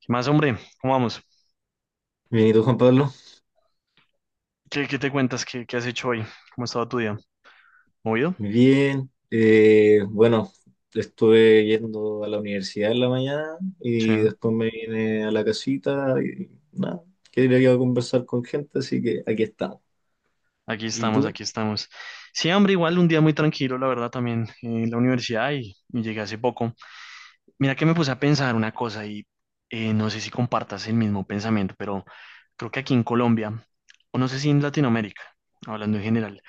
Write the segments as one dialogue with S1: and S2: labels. S1: ¿Qué más, hombre? ¿Cómo vamos?
S2: Bien, ¿y tú, Juan Pablo?
S1: ¿Qué te cuentas? ¿Qué has hecho hoy? ¿Cómo ha estado tu día? ¿Movido?
S2: Bien. Bueno, estuve yendo a la universidad en la mañana
S1: Sí.
S2: y después me vine a la casita y nada, quería conversar con gente, así que aquí estamos.
S1: Aquí
S2: ¿Y
S1: estamos,
S2: tú?
S1: aquí estamos. Sí, hombre, igual un día muy tranquilo, la verdad, también en la universidad y llegué hace poco. Mira que me puse a pensar una cosa y no sé si compartas el mismo pensamiento, pero creo que aquí en Colombia, o no sé si en Latinoamérica, hablando en general,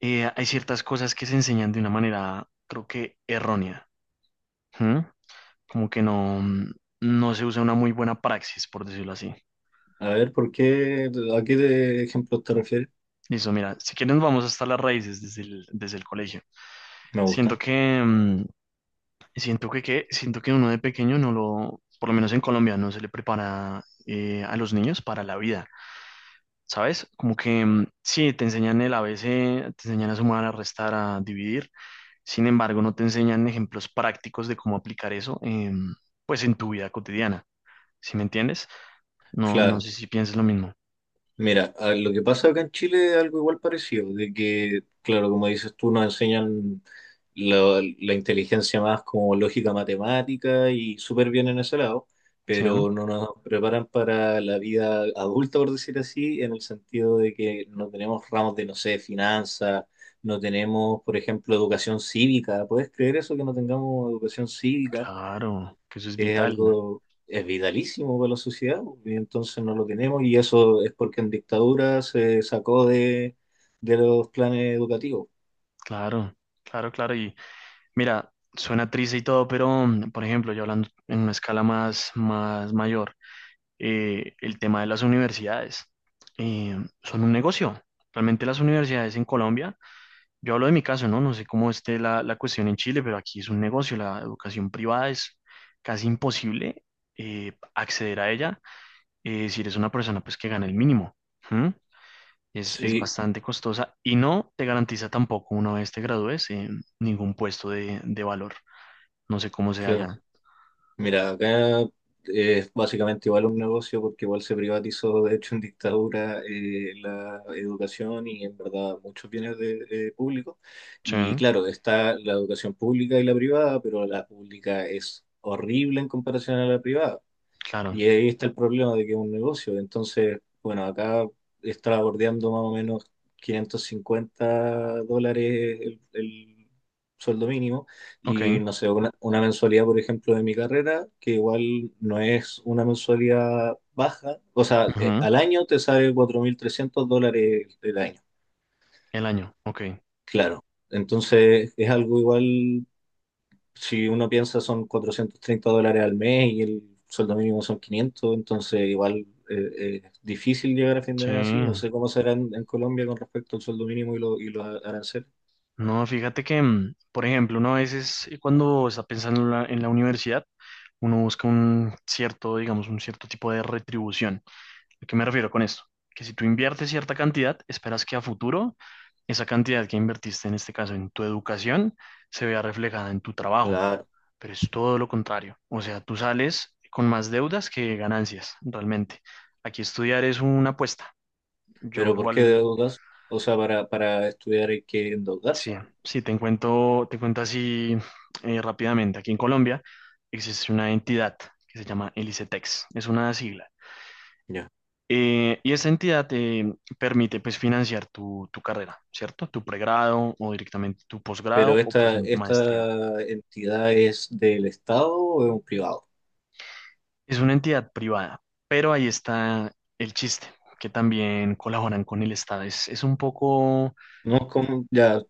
S1: hay ciertas cosas que se enseñan de una manera, creo que errónea. ¿Mm? Como que no, no se usa una muy buena praxis, por decirlo así.
S2: A ver, ¿por qué? ¿A qué ejemplos te refieres?
S1: Listo, mira, si quieren vamos hasta las raíces desde el colegio.
S2: Me
S1: Siento
S2: gusta.
S1: que, mm, siento que uno de pequeño no lo, por lo menos en Colombia, no se le prepara a los niños para la vida, ¿sabes? Como que mm, sí, te enseñan el a ABC, te enseñan a sumar, a restar, a dividir, sin embargo, no te enseñan ejemplos prácticos de cómo aplicar eso, pues en tu vida cotidiana, ¿sí me entiendes? No, no
S2: Claro.
S1: sé si piensas lo mismo.
S2: Mira, lo que pasa acá en Chile es algo igual parecido, de que, claro, como dices tú, nos enseñan la inteligencia más como lógica matemática y súper bien en ese lado,
S1: Sí, ¿no?
S2: pero no nos preparan para la vida adulta, por decir así, en el sentido de que no tenemos ramos de, no sé, finanzas, no tenemos, por ejemplo, educación cívica. ¿Puedes creer eso que no tengamos educación cívica?
S1: Claro, que eso es
S2: Que es
S1: vital.
S2: algo, es vitalísimo para la sociedad, y entonces no lo tenemos, y eso es porque en dictadura se sacó de los planes educativos.
S1: Claro, claro, claro. Y mira, suena triste y todo, pero mm, por ejemplo, yo hablando en una escala más mayor, el tema de las universidades eh, son un negocio. Realmente las universidades en Colombia, yo hablo de mi caso, ¿no? No sé cómo esté la cuestión en Chile, pero aquí es un negocio. La educación privada es casi imposible acceder a ella si eres una persona pues que gana el mínimo. ¿Mm? Es
S2: Sí,
S1: bastante costosa y no te garantiza tampoco una vez te gradúes ningún puesto de valor. No sé cómo sea
S2: claro.
S1: ya.
S2: Mira, acá es básicamente igual un negocio porque igual se privatizó, de hecho, en dictadura la educación y en verdad muchos bienes de, públicos.
S1: Sí,
S2: Y claro, está la educación pública y la privada, pero la pública es horrible en comparación a la privada.
S1: claro.
S2: Y ahí está el problema de que es un negocio. Entonces, bueno, acá está bordeando más o menos $550 el sueldo mínimo
S1: Ok.
S2: y no sé, una mensualidad, por ejemplo, de mi carrera, que igual no es una mensualidad baja. O sea,
S1: Ujú.
S2: al año te sale $4,300 el año,
S1: El año. Ok.
S2: claro. Entonces, es algo igual si uno piensa son $430 al mes y el sueldo mínimo son 500, entonces igual es difícil llegar a fin de
S1: Sí.
S2: mes así. No sé cómo será en Colombia con respecto al sueldo mínimo y, y los aranceles.
S1: No, fíjate que, mm, por ejemplo, uno a veces cuando está pensando en la universidad, uno busca un cierto, digamos, un cierto tipo de retribución. ¿A qué me refiero con esto? Que si tú inviertes cierta cantidad, esperas que a futuro esa cantidad que invertiste, en este caso en tu educación, se vea reflejada en tu trabajo,
S2: Claro,
S1: pero es todo lo contrario. O sea, tú sales con más deudas que ganancias, realmente. Aquí estudiar es una apuesta. Yo
S2: pero ¿por qué
S1: igual,
S2: deudas? O sea, para estudiar hay que endeudarse.
S1: sí, sí, te cuento así rápidamente. Aquí en Colombia existe una entidad que se llama el ICETEX, es una sigla.
S2: Ya.
S1: Y esa entidad te permite pues financiar tu carrera, ¿cierto? Tu pregrado o directamente tu
S2: Pero
S1: posgrado o pues
S2: esta,
S1: maestría.
S2: esta entidad ¿es del Estado o es un privado?
S1: Es una entidad privada, pero ahí está el chiste, que también colaboran con el Estado. Es un poco,
S2: No es como ya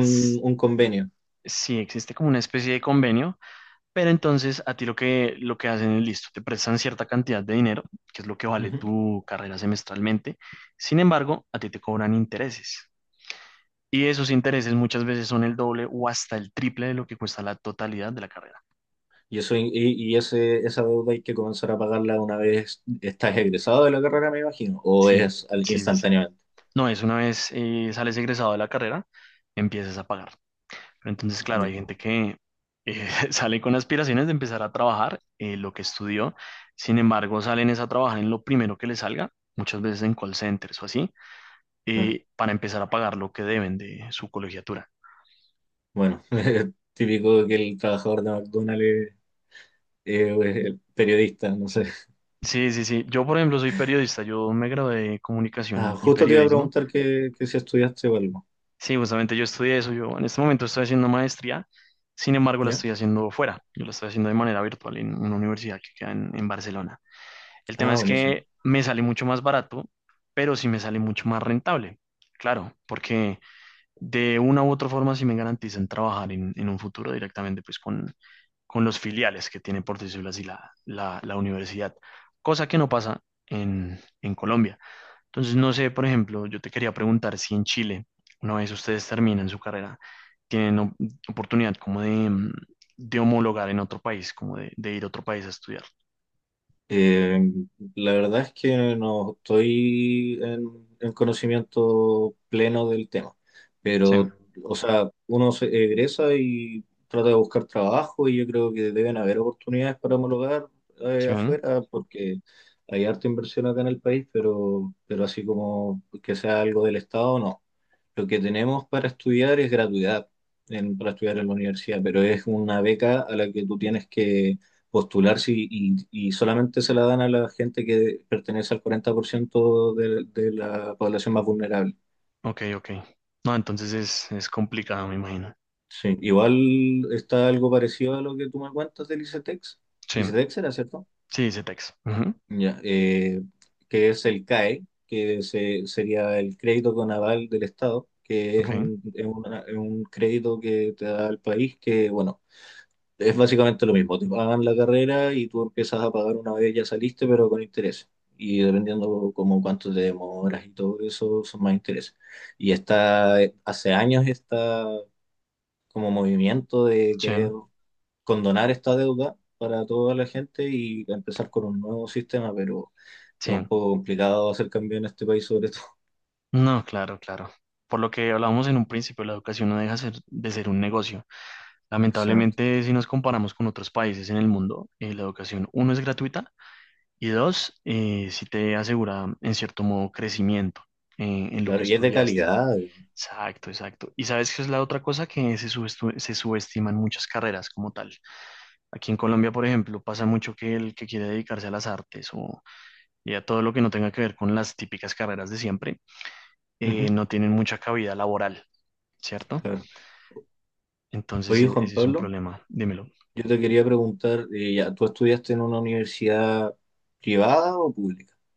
S1: s-
S2: un convenio.
S1: sí, existe como una especie de convenio, pero entonces a ti lo que hacen es listo, te prestan cierta cantidad de dinero, que es lo que vale
S2: Ujú.
S1: tu carrera semestralmente. Sin embargo, a ti te cobran intereses. Y esos intereses muchas veces son el doble o hasta el triple de lo que cuesta la totalidad de la carrera.
S2: Y, eso, y esa deuda hay que comenzar a pagarla una vez estás egresado de la carrera, me imagino, o
S1: Sí,
S2: es
S1: sí, sí, sí.
S2: instantáneamente.
S1: No, es una vez sales egresado de la carrera, empiezas a pagar. Pero entonces, claro, hay
S2: Ya,
S1: gente que sale con aspiraciones de empezar a trabajar lo que estudió. Sin embargo, salen es a trabajar en lo primero que les salga, muchas veces en call centers o así,
S2: claro.
S1: para empezar a pagar lo que deben de su colegiatura.
S2: Bueno, típico que el trabajador de McDonald's es el periodista, no sé.
S1: Sí, sí, sí. Yo, por ejemplo, soy periodista. Yo me gradué de comunicación
S2: Ah,
S1: y
S2: justo te iba a
S1: periodismo.
S2: preguntar que si estudiaste o algo.
S1: Sí, justamente yo estudié eso. Yo en este momento estoy haciendo maestría, sin embargo la
S2: ¿Ya?
S1: estoy haciendo fuera. Yo la estoy haciendo de manera virtual en una universidad que queda en Barcelona. El tema
S2: Ah,
S1: es
S2: buenísimo.
S1: que me sale mucho más barato, pero sí me sale mucho más rentable. Claro, porque de una u otra forma sí me garantizan trabajar en un futuro directamente pues con los filiales que tiene, por decirlo así, la universidad. Cosa que no pasa en Colombia. Entonces, no sé, por ejemplo, yo te quería preguntar si en Chile, una vez ustedes terminan su carrera, tienen oportunidad como de, mm, de homologar en otro país, como de, ir a otro país a estudiar.
S2: Eh, la verdad es que no estoy en conocimiento pleno del tema,
S1: Sí,
S2: pero, o sea, uno se egresa y trata de buscar trabajo y yo creo que deben haber oportunidades para homologar
S1: sí, ¿no?
S2: afuera porque hay harta inversión acá en el país, pero así como que sea algo del Estado, no. Lo que tenemos para estudiar es gratuidad para estudiar en la universidad, pero es una beca a la que tú tienes que postularse y, y solamente se la dan a la gente que pertenece al 40% de la población más vulnerable.
S1: Ok, ok. No, entonces es complicado, me imagino.
S2: Sí, igual está algo parecido a lo que tú me cuentas del ICETEX.
S1: Sí,
S2: ICETEX era, ¿cierto?
S1: sí, dice Tex. Ujú.
S2: Ya, que es el CAE, que sería el crédito con aval del Estado, que es
S1: Ok,
S2: un, es un crédito que te da el país que, bueno, es básicamente lo mismo, te pagan la carrera y tú empiezas a pagar una vez ya saliste, pero con interés. Y dependiendo como cuánto te demoras y todo eso, son más intereses. Y está, hace años está como movimiento de
S1: sí,
S2: querer condonar esta deuda para toda la gente y empezar con un nuevo sistema, pero es
S1: sí.
S2: un poco complicado hacer cambio en este país sobre todo.
S1: No, claro, claro. Por lo que hablábamos en un principio, la educación no deja de ser un negocio.
S2: Exacto,
S1: Lamentablemente, si nos comparamos con otros países en el mundo, la educación, uno, es gratuita. Y dos, si te asegura en cierto modo crecimiento en lo que
S2: claro, y es de
S1: estudiaste.
S2: calidad.
S1: Exacto, exacto. Y sabes que es la otra cosa que se, se subestiman muchas carreras como tal. Aquí en Colombia, por ejemplo, pasa mucho que el que quiere dedicarse a las artes o y a todo lo que no tenga que ver con las típicas carreras de siempre,
S2: Ujú,
S1: no tienen mucha cabida laboral, ¿cierto?
S2: claro.
S1: Entonces,
S2: Oye, Juan
S1: ese es un
S2: Pablo.
S1: problema. Dímelo.
S2: Yo te quería preguntar, ya, ¿tú estudiaste en una universidad privada o pública?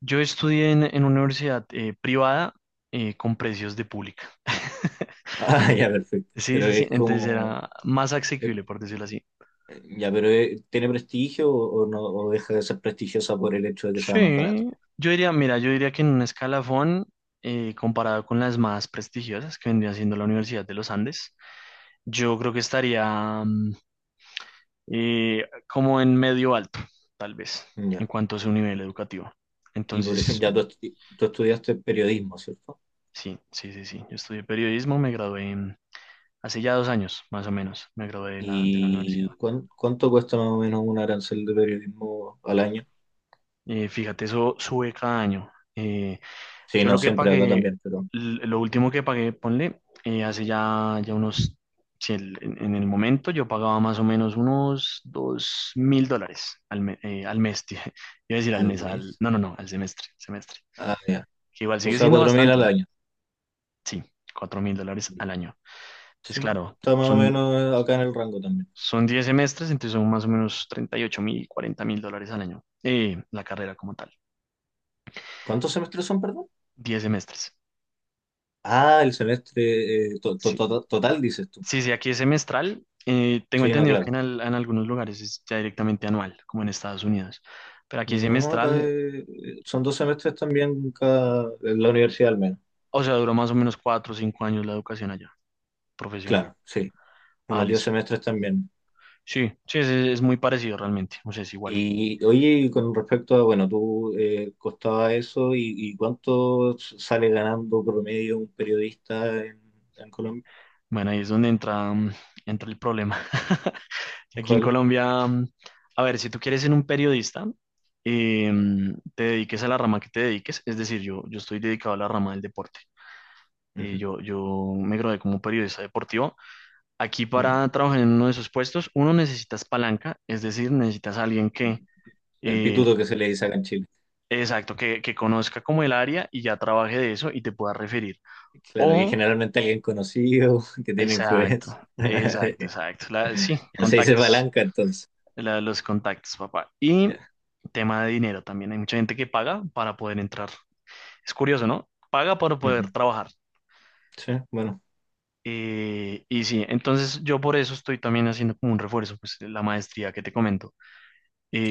S1: Yo estudié en una universidad privada con precios de pública.
S2: Ah, ya, perfecto.
S1: Sí,
S2: Pero
S1: sí, sí.
S2: es
S1: Entonces
S2: como,
S1: era más
S2: eh,
S1: asequible, por decirlo así.
S2: ya, pero ¿tiene prestigio o no, o deja de ser prestigiosa por el hecho de que sea más barata?
S1: Sí. Yo diría, mira, yo diría que en un escalafón, comparado con las más prestigiosas que vendría siendo la Universidad de los Andes, yo creo que estaría mm, como en medio alto, tal vez, en
S2: Ya.
S1: cuanto a su nivel educativo.
S2: Y por
S1: Entonces,
S2: ejemplo, ya tú, tú estudiaste periodismo, ¿cierto?
S1: sí, sí, sí, sí. Yo estudié periodismo, me gradué mm, hace ya 2 años, más o menos, me gradué de de la universidad.
S2: ¿Y cuánto cuesta más o menos un arancel de periodismo al año?
S1: Fíjate, eso sube cada año.
S2: Sí,
S1: Yo
S2: no
S1: lo que
S2: siempre acá
S1: pagué,
S2: también, pero
S1: lo último que pagué, ponle, hace ya, ya unos, si en el momento yo pagaba más o menos unos $2.000 al, al mes, tío. iba a decir al
S2: al
S1: mes, al,
S2: mes?
S1: no, no, no, al semestre,
S2: Ah, ya.
S1: que igual
S2: O
S1: sigue
S2: sea,
S1: siendo
S2: 4.000
S1: bastante,
S2: al año.
S1: sí, $4.000 al año. Entonces,
S2: Sí,
S1: claro,
S2: está más o
S1: son,
S2: menos acá en el rango también.
S1: son 10 semestres, entonces son más o menos 38.000, $40.000 al año, la carrera como tal.
S2: ¿Cuántos semestres son, perdón?
S1: 10 semestres.
S2: Ah, el semestre
S1: Sí.
S2: total, dices tú.
S1: Sí, sí, aquí es semestral. Tengo
S2: Sí, no,
S1: entendido que
S2: claro.
S1: en algunos lugares es ya directamente anual, como en Estados Unidos. Pero aquí es
S2: No, acá
S1: semestral,
S2: son dos semestres también cada, en la universidad al menos.
S1: o sea, duró más o menos 4 o 5 años la educación allá, profesional.
S2: Claro, sí,
S1: Ah,
S2: unos 10
S1: listo.
S2: semestres también.
S1: Sí, sí, es muy parecido realmente, o sea, es igual.
S2: Y oye, y con respecto a, bueno, tú costaba eso y ¿cuánto sale ganando promedio un periodista en Colombia?
S1: Bueno, ahí es donde entra, mm, entra el problema. Aquí en
S2: ¿Cuál?
S1: Colombia, mm, a ver, si tú quieres ser un periodista, mm, te dediques a la rama que te dediques, es decir, yo estoy dedicado a la rama del deporte. Eh,
S2: Ujú,
S1: yo, yo me gradué como periodista deportivo. Aquí
S2: ujú.
S1: para trabajar en uno de esos puestos, uno necesitas palanca, es decir, necesitas a alguien que,
S2: El
S1: eh,
S2: pituto que se le dice acá en Chile.
S1: exacto, que conozca como el área y ya trabaje de eso y te pueda referir.
S2: Claro, y
S1: O,
S2: generalmente alguien conocido que tiene
S1: exacto,
S2: influencia.
S1: exacto, exacto. Sí,
S2: Ya se dice
S1: contactos,
S2: palanca entonces.
S1: los contactos, papá. Y
S2: Ya.
S1: tema de dinero también. Hay mucha gente que paga para poder entrar. Es curioso, ¿no? Paga para poder
S2: Ujú.
S1: trabajar.
S2: Sí, bueno,
S1: Y sí, entonces yo por eso estoy también haciendo como un refuerzo, pues la maestría que te comento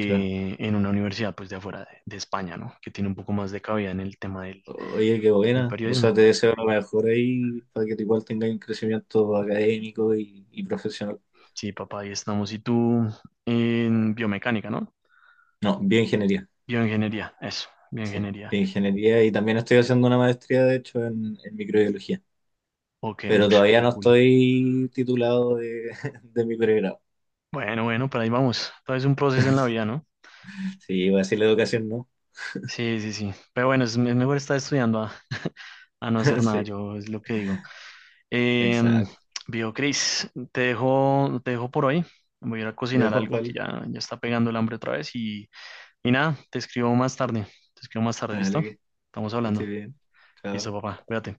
S2: claro.
S1: en una universidad pues de afuera de España, ¿no? Que tiene un poco más de cabida en el tema del,
S2: Oye, qué
S1: del
S2: buena. O sea,
S1: periodismo.
S2: te deseo lo mejor ahí para que tú igual tengas un crecimiento académico y profesional.
S1: Sí, papá, ahí estamos. Y tú en biomecánica, ¿no?
S2: No, bioingeniería.
S1: Bioingeniería, eso,
S2: Sí,
S1: bioingeniería.
S2: bioingeniería. Y también estoy haciendo una maestría, de hecho, en microbiología.
S1: Ok,
S2: Pero
S1: uff,
S2: todavía
S1: qué
S2: no
S1: cool.
S2: estoy titulado de, de mi pregrado.
S1: Bueno, bueno, pero ahí vamos. Todo es un proceso en la vida, ¿no?
S2: Sí, voy a decir la educación, ¿no?
S1: Sí, sí, sí. Pero bueno, es, mejor estar estudiando a no hacer nada,
S2: Sí,
S1: yo es lo que digo. Em,
S2: exacto.
S1: viejo Cris, te dejo por hoy. Voy a ir a
S2: Ya,
S1: cocinar
S2: Juan
S1: algo que
S2: Pablo.
S1: ya, ya está pegando el hambre otra vez. Y nada, te escribo más tarde. Te escribo más tarde,
S2: Dale,
S1: ¿listo?
S2: que
S1: Estamos
S2: estés
S1: hablando.
S2: bien.
S1: Listo,
S2: Chao.
S1: papá. Cuídate.